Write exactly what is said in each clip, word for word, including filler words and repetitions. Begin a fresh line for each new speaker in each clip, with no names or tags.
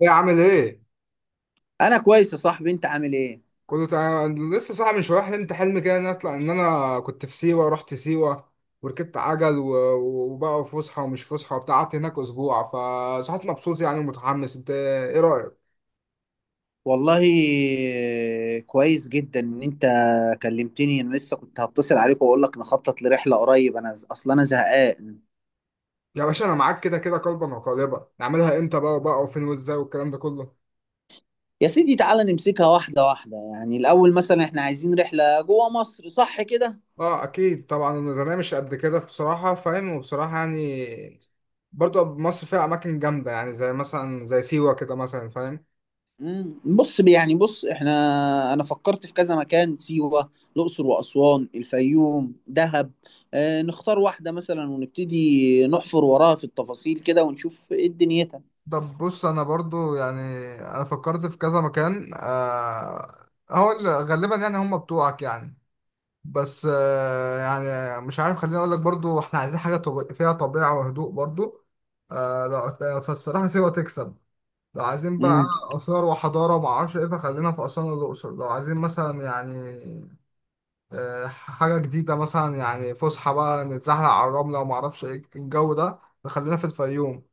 ايه عامل ايه؟
انا كويس يا صاحبي، انت عامل ايه؟
كنت لسه صاحي من شويه، حلمت حلم كده ان أنا اطلع، ان انا كنت في سيوه، رحت سيوه وركبت عجل و... و- وبقى فسحه ومش فسحه وبتاع، قعدت هناك اسبوع فصحيت مبسوط يعني ومتحمس. انت ايه رايك؟
والله كويس جدا ان انت كلمتني، انا لسه كنت هتصل عليك واقول لك نخطط لرحله قريب، انا ز- اصلا انا زهقان.
يا باشا انا معاك كده كده قلبا وقالبا، نعملها امتى بقى وبقى وفين وازاي والكلام ده كله.
يا سيدي، تعالى نمسكها واحده واحده، يعني الاول مثلا احنا عايزين رحله جوه مصر، صح كده؟
اه اكيد طبعا، الميزانيه مش قد كده بصراحه فاهم، وبصراحه يعني برضو مصر فيها اماكن جامده يعني، زي مثلا زي سيوه كده مثلا فاهم.
امم بص يعني بص احنا، انا فكرت في كذا مكان: سيوه، الاقصر واسوان، الفيوم، دهب. اه، نختار واحده مثلا ونبتدي نحفر وراها في التفاصيل كده ونشوف ايه دنيتها.
طب بص انا برضو يعني انا فكرت في كذا مكان آه. هو ال- غالبا يعني هم بتوعك يعني، بس آه يعني مش عارف، خليني اقول لك برضو احنا عايزين حاجه طب... فيها طبيعه وهدوء برضو آه. لا فالصراحه سيوه تكسب. لو عايزين بقى اثار وحضاره وما اعرفش ايه فخلينا في اسوان والاقصر، لو عايزين مثلا يعني آه حاجه جديده مثلا يعني فسحه بقى، نتزحلق على الرمله وما اعرفش ايه الجو ده فخلينا في الفيوم.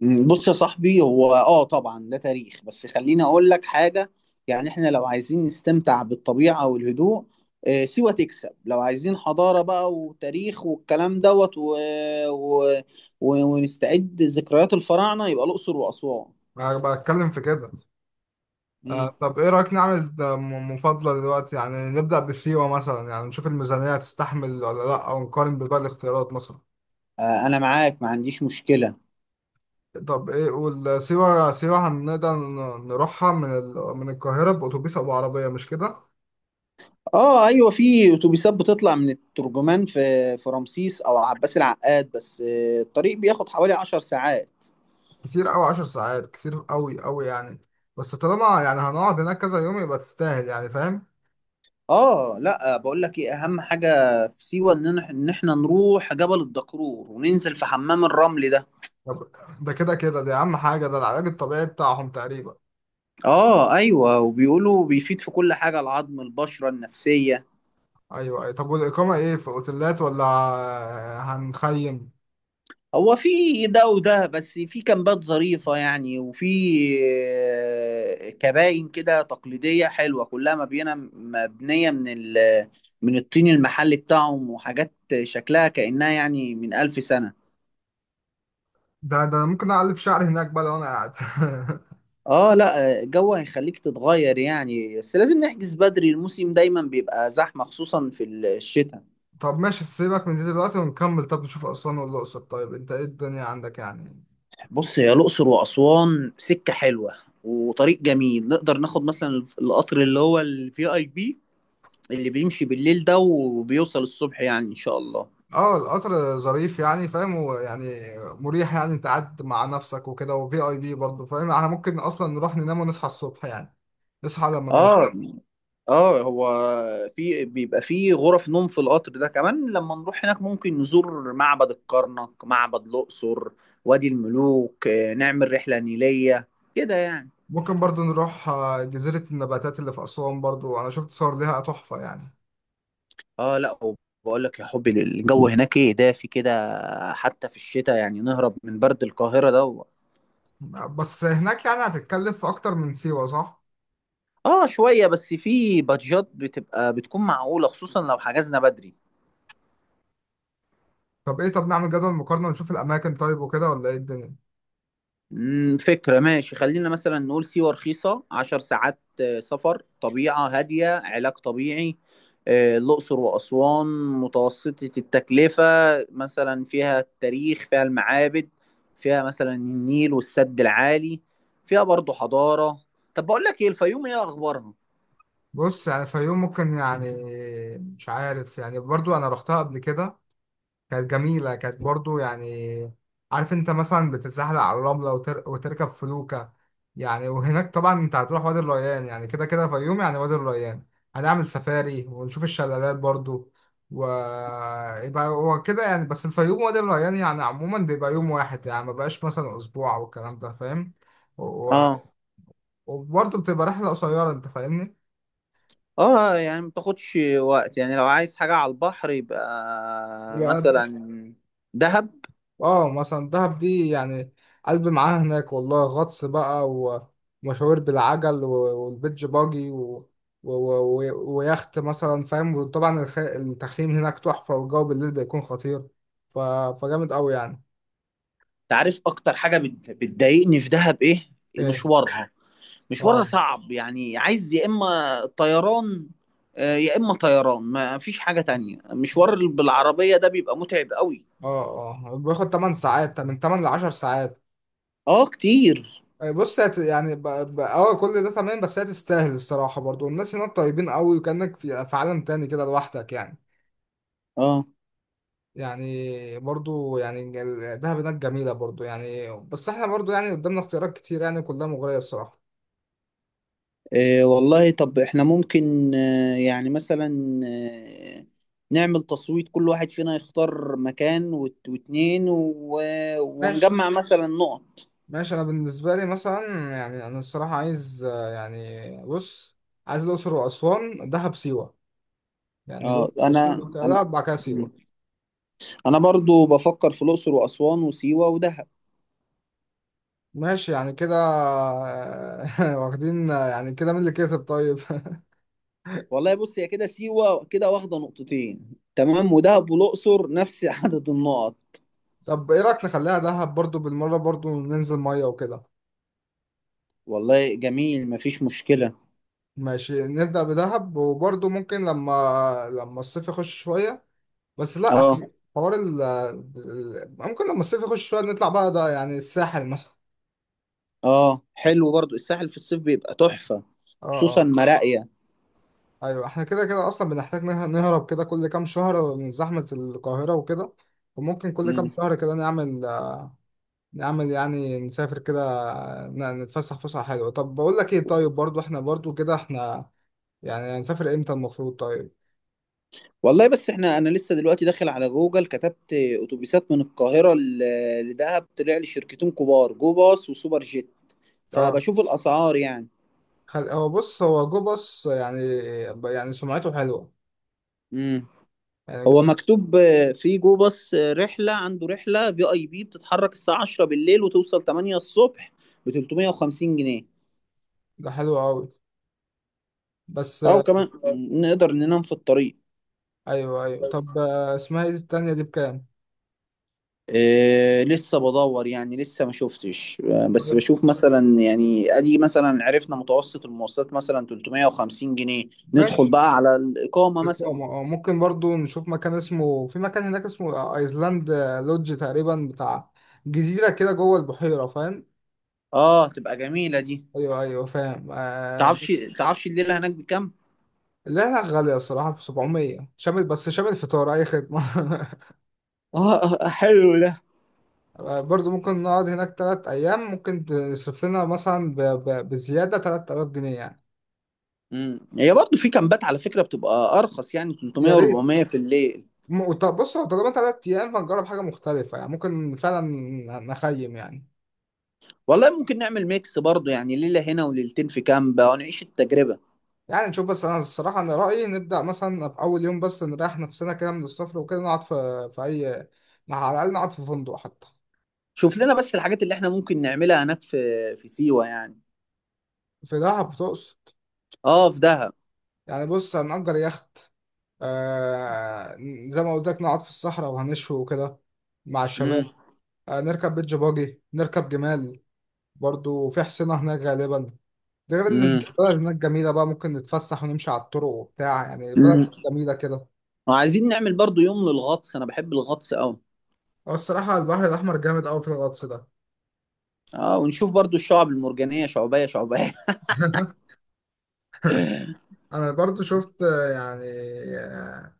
مم، بص يا صاحبي، هو اه طبعا ده تاريخ، بس خليني اقول لك حاجه. يعني احنا لو عايزين نستمتع بالطبيعه والهدوء، آه، سيوه تكسب. لو عايزين حضاره بقى وتاريخ والكلام دوت و... و... و... ونستعد ذكريات الفراعنه يبقى الاقصر واسوان.
انا بتكلم في كده آه.
مم.
طب ايه رأيك نعمل ده م- مفاضلة دلوقتي؟ يعني نبدأ بالسيوة مثلا، يعني نشوف الميزانية تستحمل ولا لا، او نقارن بباقي الاختيارات مثلا.
آه، انا معاك، ما عنديش مشكله.
طب ايه والسيوة؟ سيوة هنقدر ن- نروحها من ال... من القاهرة بأتوبيس او بعربية مش كده؟
اه ايوه، في اتوبيسات بتطلع من الترجمان في في رمسيس او عباس العقاد، بس آه، الطريق بياخد حوالي عشر ساعات.
كتير قوي، عشر ساعات كتير قوي قوي يعني، بس طالما يعني هنقعد هناك كذا يوم يبقى تستاهل يعني فاهم.
اه لا، بقول لك ايه، اهم حاجه في سيوه ان إح- ان احنا نروح جبل الدكرور وننزل في حمام الرمل ده.
طب ده كده كده، دي اهم حاجة، ده العلاج الطبيعي بتاعهم تقريبا.
اه ايوه، وبيقولوا بيفيد في كل حاجه: العظم، البشره، النفسيه.
ايوه أيوة. طب والإقامة ايه، في اوتيلات ولا هنخيم؟
هو في ده وده، بس في كامبات ظريفه يعني، وفي آه، كباين كده تقليديه حلوه، كلها مبينه مبنيه من ال من الطين المحلي بتاعهم وحاجات شكلها كأنها يعني من ألف سنة.
ده ده أنا ممكن أعلف شعري هناك بقى لو أنا قاعد.
اه لا، الجو هيخليك تتغير يعني، بس لازم نحجز بدري، الموسم دايما بيبقى زحمة خصوصا في الشتاء.
طب ماشي، سيبك من دي دلوقتي ونكمل، طب نشوف أسوان والأقصر، طيب أنت إيه الدنيا عندك يعني؟
بص، هي الأقصر وأسوان سكة حلوة وطريق جميل، نقدر ناخد مثلا القطر اللي هو الفي اي بي، اللي بيمشي بالليل ده وبيوصل الصبح يعني إن شاء الله.
اه القطر ظريف يعني فاهم، ويعني مريح يعني، انت قاعد مع نفسك وكده وفي اي بي برضه فاهم، احنا ممكن اصلا نروح ننام ونصحى الصبح يعني، نصحى لما نموت.
اه اه، هو في بيبقى في غرف نوم في القطر ده كمان. لما نروح هناك ممكن نزور معبد الكرنك، معبد الأقصر، وادي الملوك، آه، نعمل رحلة نيلية كده يعني.
ممكن برضه نروح آه، جزيرة النباتات اللي في أسوان، برضه أنا شفت صور ليها تحفة يعني.
اه لا، وبقول لك يا حبي، الجو هناك ايه، دافي كده حتى في الشتاء يعني، نهرب من برد القاهرة ده و...
بس هناك يعني هتتكلف أكتر من سيوة صح؟
اه، شوية بس، في بادجات بتبقى بتكون معقولة خصوصا لو حجزنا بدري.
طب إيه، طب نعمل جدول مقارنة ونشوف الأماكن طيب وكده، ولا إيه الدنيا؟
مم، فكرة، ماشي، خلينا مثلا نقول سيوة: رخيصة، عشر ساعات آه، سفر، طبيعة هادية، علاج طبيعي. آه، الأقصر وأسوان متوسطة التكلفة مثلا، فيها التاريخ، فيها المعابد، فيها مثلا النيل والسد العالي، فيها برضو حضارة. طب بقول لك ايه، الفيوم ايه اخبارها؟
بص يعني الفيوم ممكن يعني مش عارف يعني، برضو انا رحتها قبل كده، كانت جميلة، كانت برضو يعني عارف انت مثلا بتتزحلق على الرملة وتر... وتركب فلوكة يعني. وهناك طبعا انت هتروح وادي الريان، يعني كده كده فيوم يعني وادي الريان، هنعمل سفاري ونشوف الشلالات برضو. و يبقى هو كده يعني، بس الفيوم وادي الريان يعني عموما بيبقى يوم واحد يعني، ما بقاش مثلا اسبوع والكلام ده فاهم. و...
اه
وبرضه بتبقى رحلة قصيرة، انت فاهمني؟
اه، يعني ما تاخدش وقت يعني، لو عايز حاجة على البحر يبقى مثلا دهب.
اه مثلا دهب دي يعني قلبي معاها هناك والله، غطس بقى و- ومشاوير بالعجل و- والبيتش باجي و... و... و... ويخت مثلا فاهم، وطبعا الخ... التخييم هناك تحفة والجو بالليل بيكون خطير، ف... فجامد قوي يعني.
تعرف اكتر حاجه بت- بتضايقني في دهب ايه؟
ايه؟
مشوارها. مشوارها
اه
صعب يعني، عايز يا اما طيران، آه، يا اما طيران، ما فيش حاجه تانية، مشوار بالعربيه ده بيبقى متعب قوي.
اه اه بياخد 8 ساعات، من تمانية ل 10 ساعات.
اه كتير.
آه، بص هت- يعني ب... ب... اه كل ده تمام، بس هي تستاهل الصراحة، برضو الناس هناك طيبين قوي وكأنك في... في عالم تاني كده لوحدك يعني.
اه
يعني برضو يعني ال- دهب هناك جميلة برضو يعني، بس احنا برضو يعني قدامنا اختيارات كتير يعني كلها مغرية الصراحة.
إيه والله، طب احنا ممكن آه، يعني مثلا آه، نعمل تصويت، كل واحد فينا يختار مكان وات- واتنين و...
ماشي
ونجمع مثلا نقط.
ماشي، انا بالنسبة لي مثلا يعني انا الصراحة عايز آه، يعني بص، عايز الأقصر وأسوان، دهب، سيوة، يعني
اه،
الأقصر وأسوان،
انا
بعد كده
انا
دهب، بعد كده سيوة.
انا برضو بفكر في الاقصر واسوان وسيوه ودهب.
ماشي يعني كده آه، واخدين آه، يعني كده مين اللي كسب طيب؟
والله، بص، هي كده سيوه كده واخده نقطتين، تمام، ودهب والاقصر نفس عدد النقط.
طب ايه رأيك نخليها دهب، برضو بالمرة برضو ننزل مية وكده.
والله جميل، مفيش مشكله.
ماشي، نبدأ بدهب، وبرضو ممكن لما لما الصيف يخش شوية، بس لا
اه
إحنا حوار ال ال- ممكن لما الصيف يخش شوية نطلع بقى ده يعني الساحل مثلا.
اه، حلو برضو الساحل في الصيف بيبقى تحفه،
اه
خصوصا
اه
مراقيه.
ايوه، احنا كده كده اصلا بنحتاج نه- نهرب كده كل كام شهر من زحمة القاهرة وكده، وممكن كل كام
مم.
شهر كده نعمل، نعمل يعني نسافر كده، ن- نتفسح فسحة حلوة. طب بقول لك ايه، طيب برضو احنا برضو كده احنا يعني هنسافر امتى المفروض طيب؟
والله، بس احنا، انا لسه دلوقتي داخل على جوجل، كتبت اتوبيسات من القاهره ل- لدهب، طلع لي شركتين كبار: جو باص وسوبر جيت،
اه
فبشوف الاسعار يعني.
خل- هو بص هو جو باص يعني، يعني سمعته حلوة
مم.
يعني
هو
جو باص.
مكتوب آه، في جو باص آه، رحله، عنده رحله في اي بي، بتتحرك الساعه عشرة بالليل وتوصل ثمانية الصبح ب ثلاث مية وخمسين جنيه،
ده حلو قوي بس.
او كمان نقدر ننام في الطريق.
ايوه ايوه، طب آه، اسمها ايه دي التانية دي، بكام؟
إيه، لسه بدور يعني، لسه ما شفتش آه، بس
طيب
بشوف مثلا يعني ادي، مثلا عرفنا متوسط المواصلات مثلا ثلاث مية وخمسين جنيه، ندخل
ماشي.
بقى على الاقامه مثلا.
اقامة اه ممكن برضو نشوف مكان اسمه، في مكان هناك اسمه ايسلاند لودج تقريبا بتاع جزيرة كده جوه البحيرة فاهم.
اه، تبقى جميله دي.
ايوه ايوه فاهم آه.
تعرفش تعرفش الليله هناك بكام؟
اللي هناك غالية الصراحة، في سبعمية شامل، بس شامل فطار اي خدمة.
اه حلو.
آه، برضو ممكن نقعد هناك تلات ايام، ممكن تصرف لنا مثلا ب... ب... بزيادة تلات آلاف جنيه يعني.
امم هي برضه في كامبات على فكرة بتبقى ارخص، يعني
يا
ثلاث مية
ريت.
و400 في الليل.
م- وط- بص هو طالما تلات ايام فنجرب حاجة مختلفة يعني، ممكن فعلا نخيم يعني،
والله ممكن نعمل ميكس برضه، يعني ليلة هنا وليلتين في كامب ونعيش التجربة.
يعني نشوف. بس انا الصراحه انا رايي نبدا مثلا في اول يوم بس نريح نفسنا كده من السفر وكده، نقعد في في اي، على الاقل نقعد في فندق حتى.
شوف لنا بس الحاجات اللي احنا ممكن نعملها هناك في في سيوة يعني.
في دهب تقصد؟
اه، في دهب.
يعني بص هنأجر يخت آه، زي ما قلت لك نقعد في الصحراء وهنشوي وكده مع الشباب،
امم.
آه نركب بيتش باجي نركب جمال، برضو في حصينة هناك غالبا، ده غير ان
امم.
البلد هناك جميلة بقى ممكن نتفسح ونمشي على الطرق وبتاع، يعني بلد
امم.
جميلة كده.
وعايزين نعمل برضه يوم للغطس، انا بحب الغطس قوي.
هو الصراحة البحر الأحمر جامد أوي في الغطس ده.
اه، ونشوف برضه الشعب المرجانية، شعبية شعبية.
انا برضو شفت آه، يعني آه،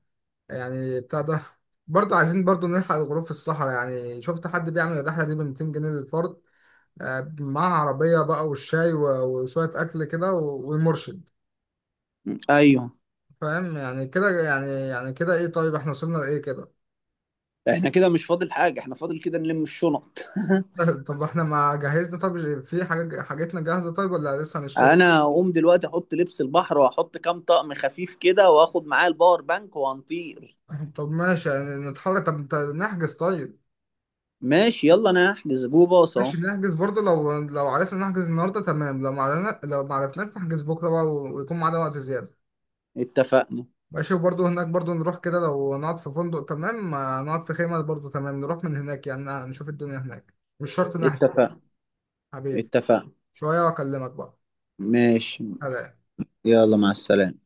يعني بتاع ده، برضو عايزين برضو نلحق الغروب في الصحراء، يعني شفت حد بيعمل الرحلة دي ب ميتين جنيه للفرد، آه، معاه عربية بقى والشاي و- وشوية أكل كده و- والمرشد.
ايوه،
فاهم يعني كده يعني، يعني كده إيه طيب، إحنا وصلنا لإيه كده؟
احنا كده مش فاضل حاجة، احنا فاضل كده نلم الشنط.
طب إحنا ما جهزنا؟ طب في حاجة، حاجتنا جاهزة طيب ولا لسه هنشتري؟
انا اقوم دلوقتي احط لبس البحر واحط كام طقم خفيف كده، واخد معايا الباور بانك وهنطير.
طب ماشي يعني نتحرك، طب نت- نحجز طيب.
ماشي، يلا انا هحجز جو باص اهو.
ماشي نحجز، برضه لو لو عرفنا نحجز النهارده تمام، لو ما عرفنا لو ما عرفناش نحجز بكره بقى و- ويكون معانا وقت زياده.
اتفقنا.
ماشي، وبرضه هناك برضه نروح كده، لو نقعد في فندق تمام، ما نقعد في خيمه برضه تمام، نروح من هناك يعني نشوف الدنيا هناك، مش شرط نحجز.
اتفقنا.
حبيبي،
اتفقنا.
شويه واكلمك بقى.
ماشي،
سلام.
يلا، مع السلامة.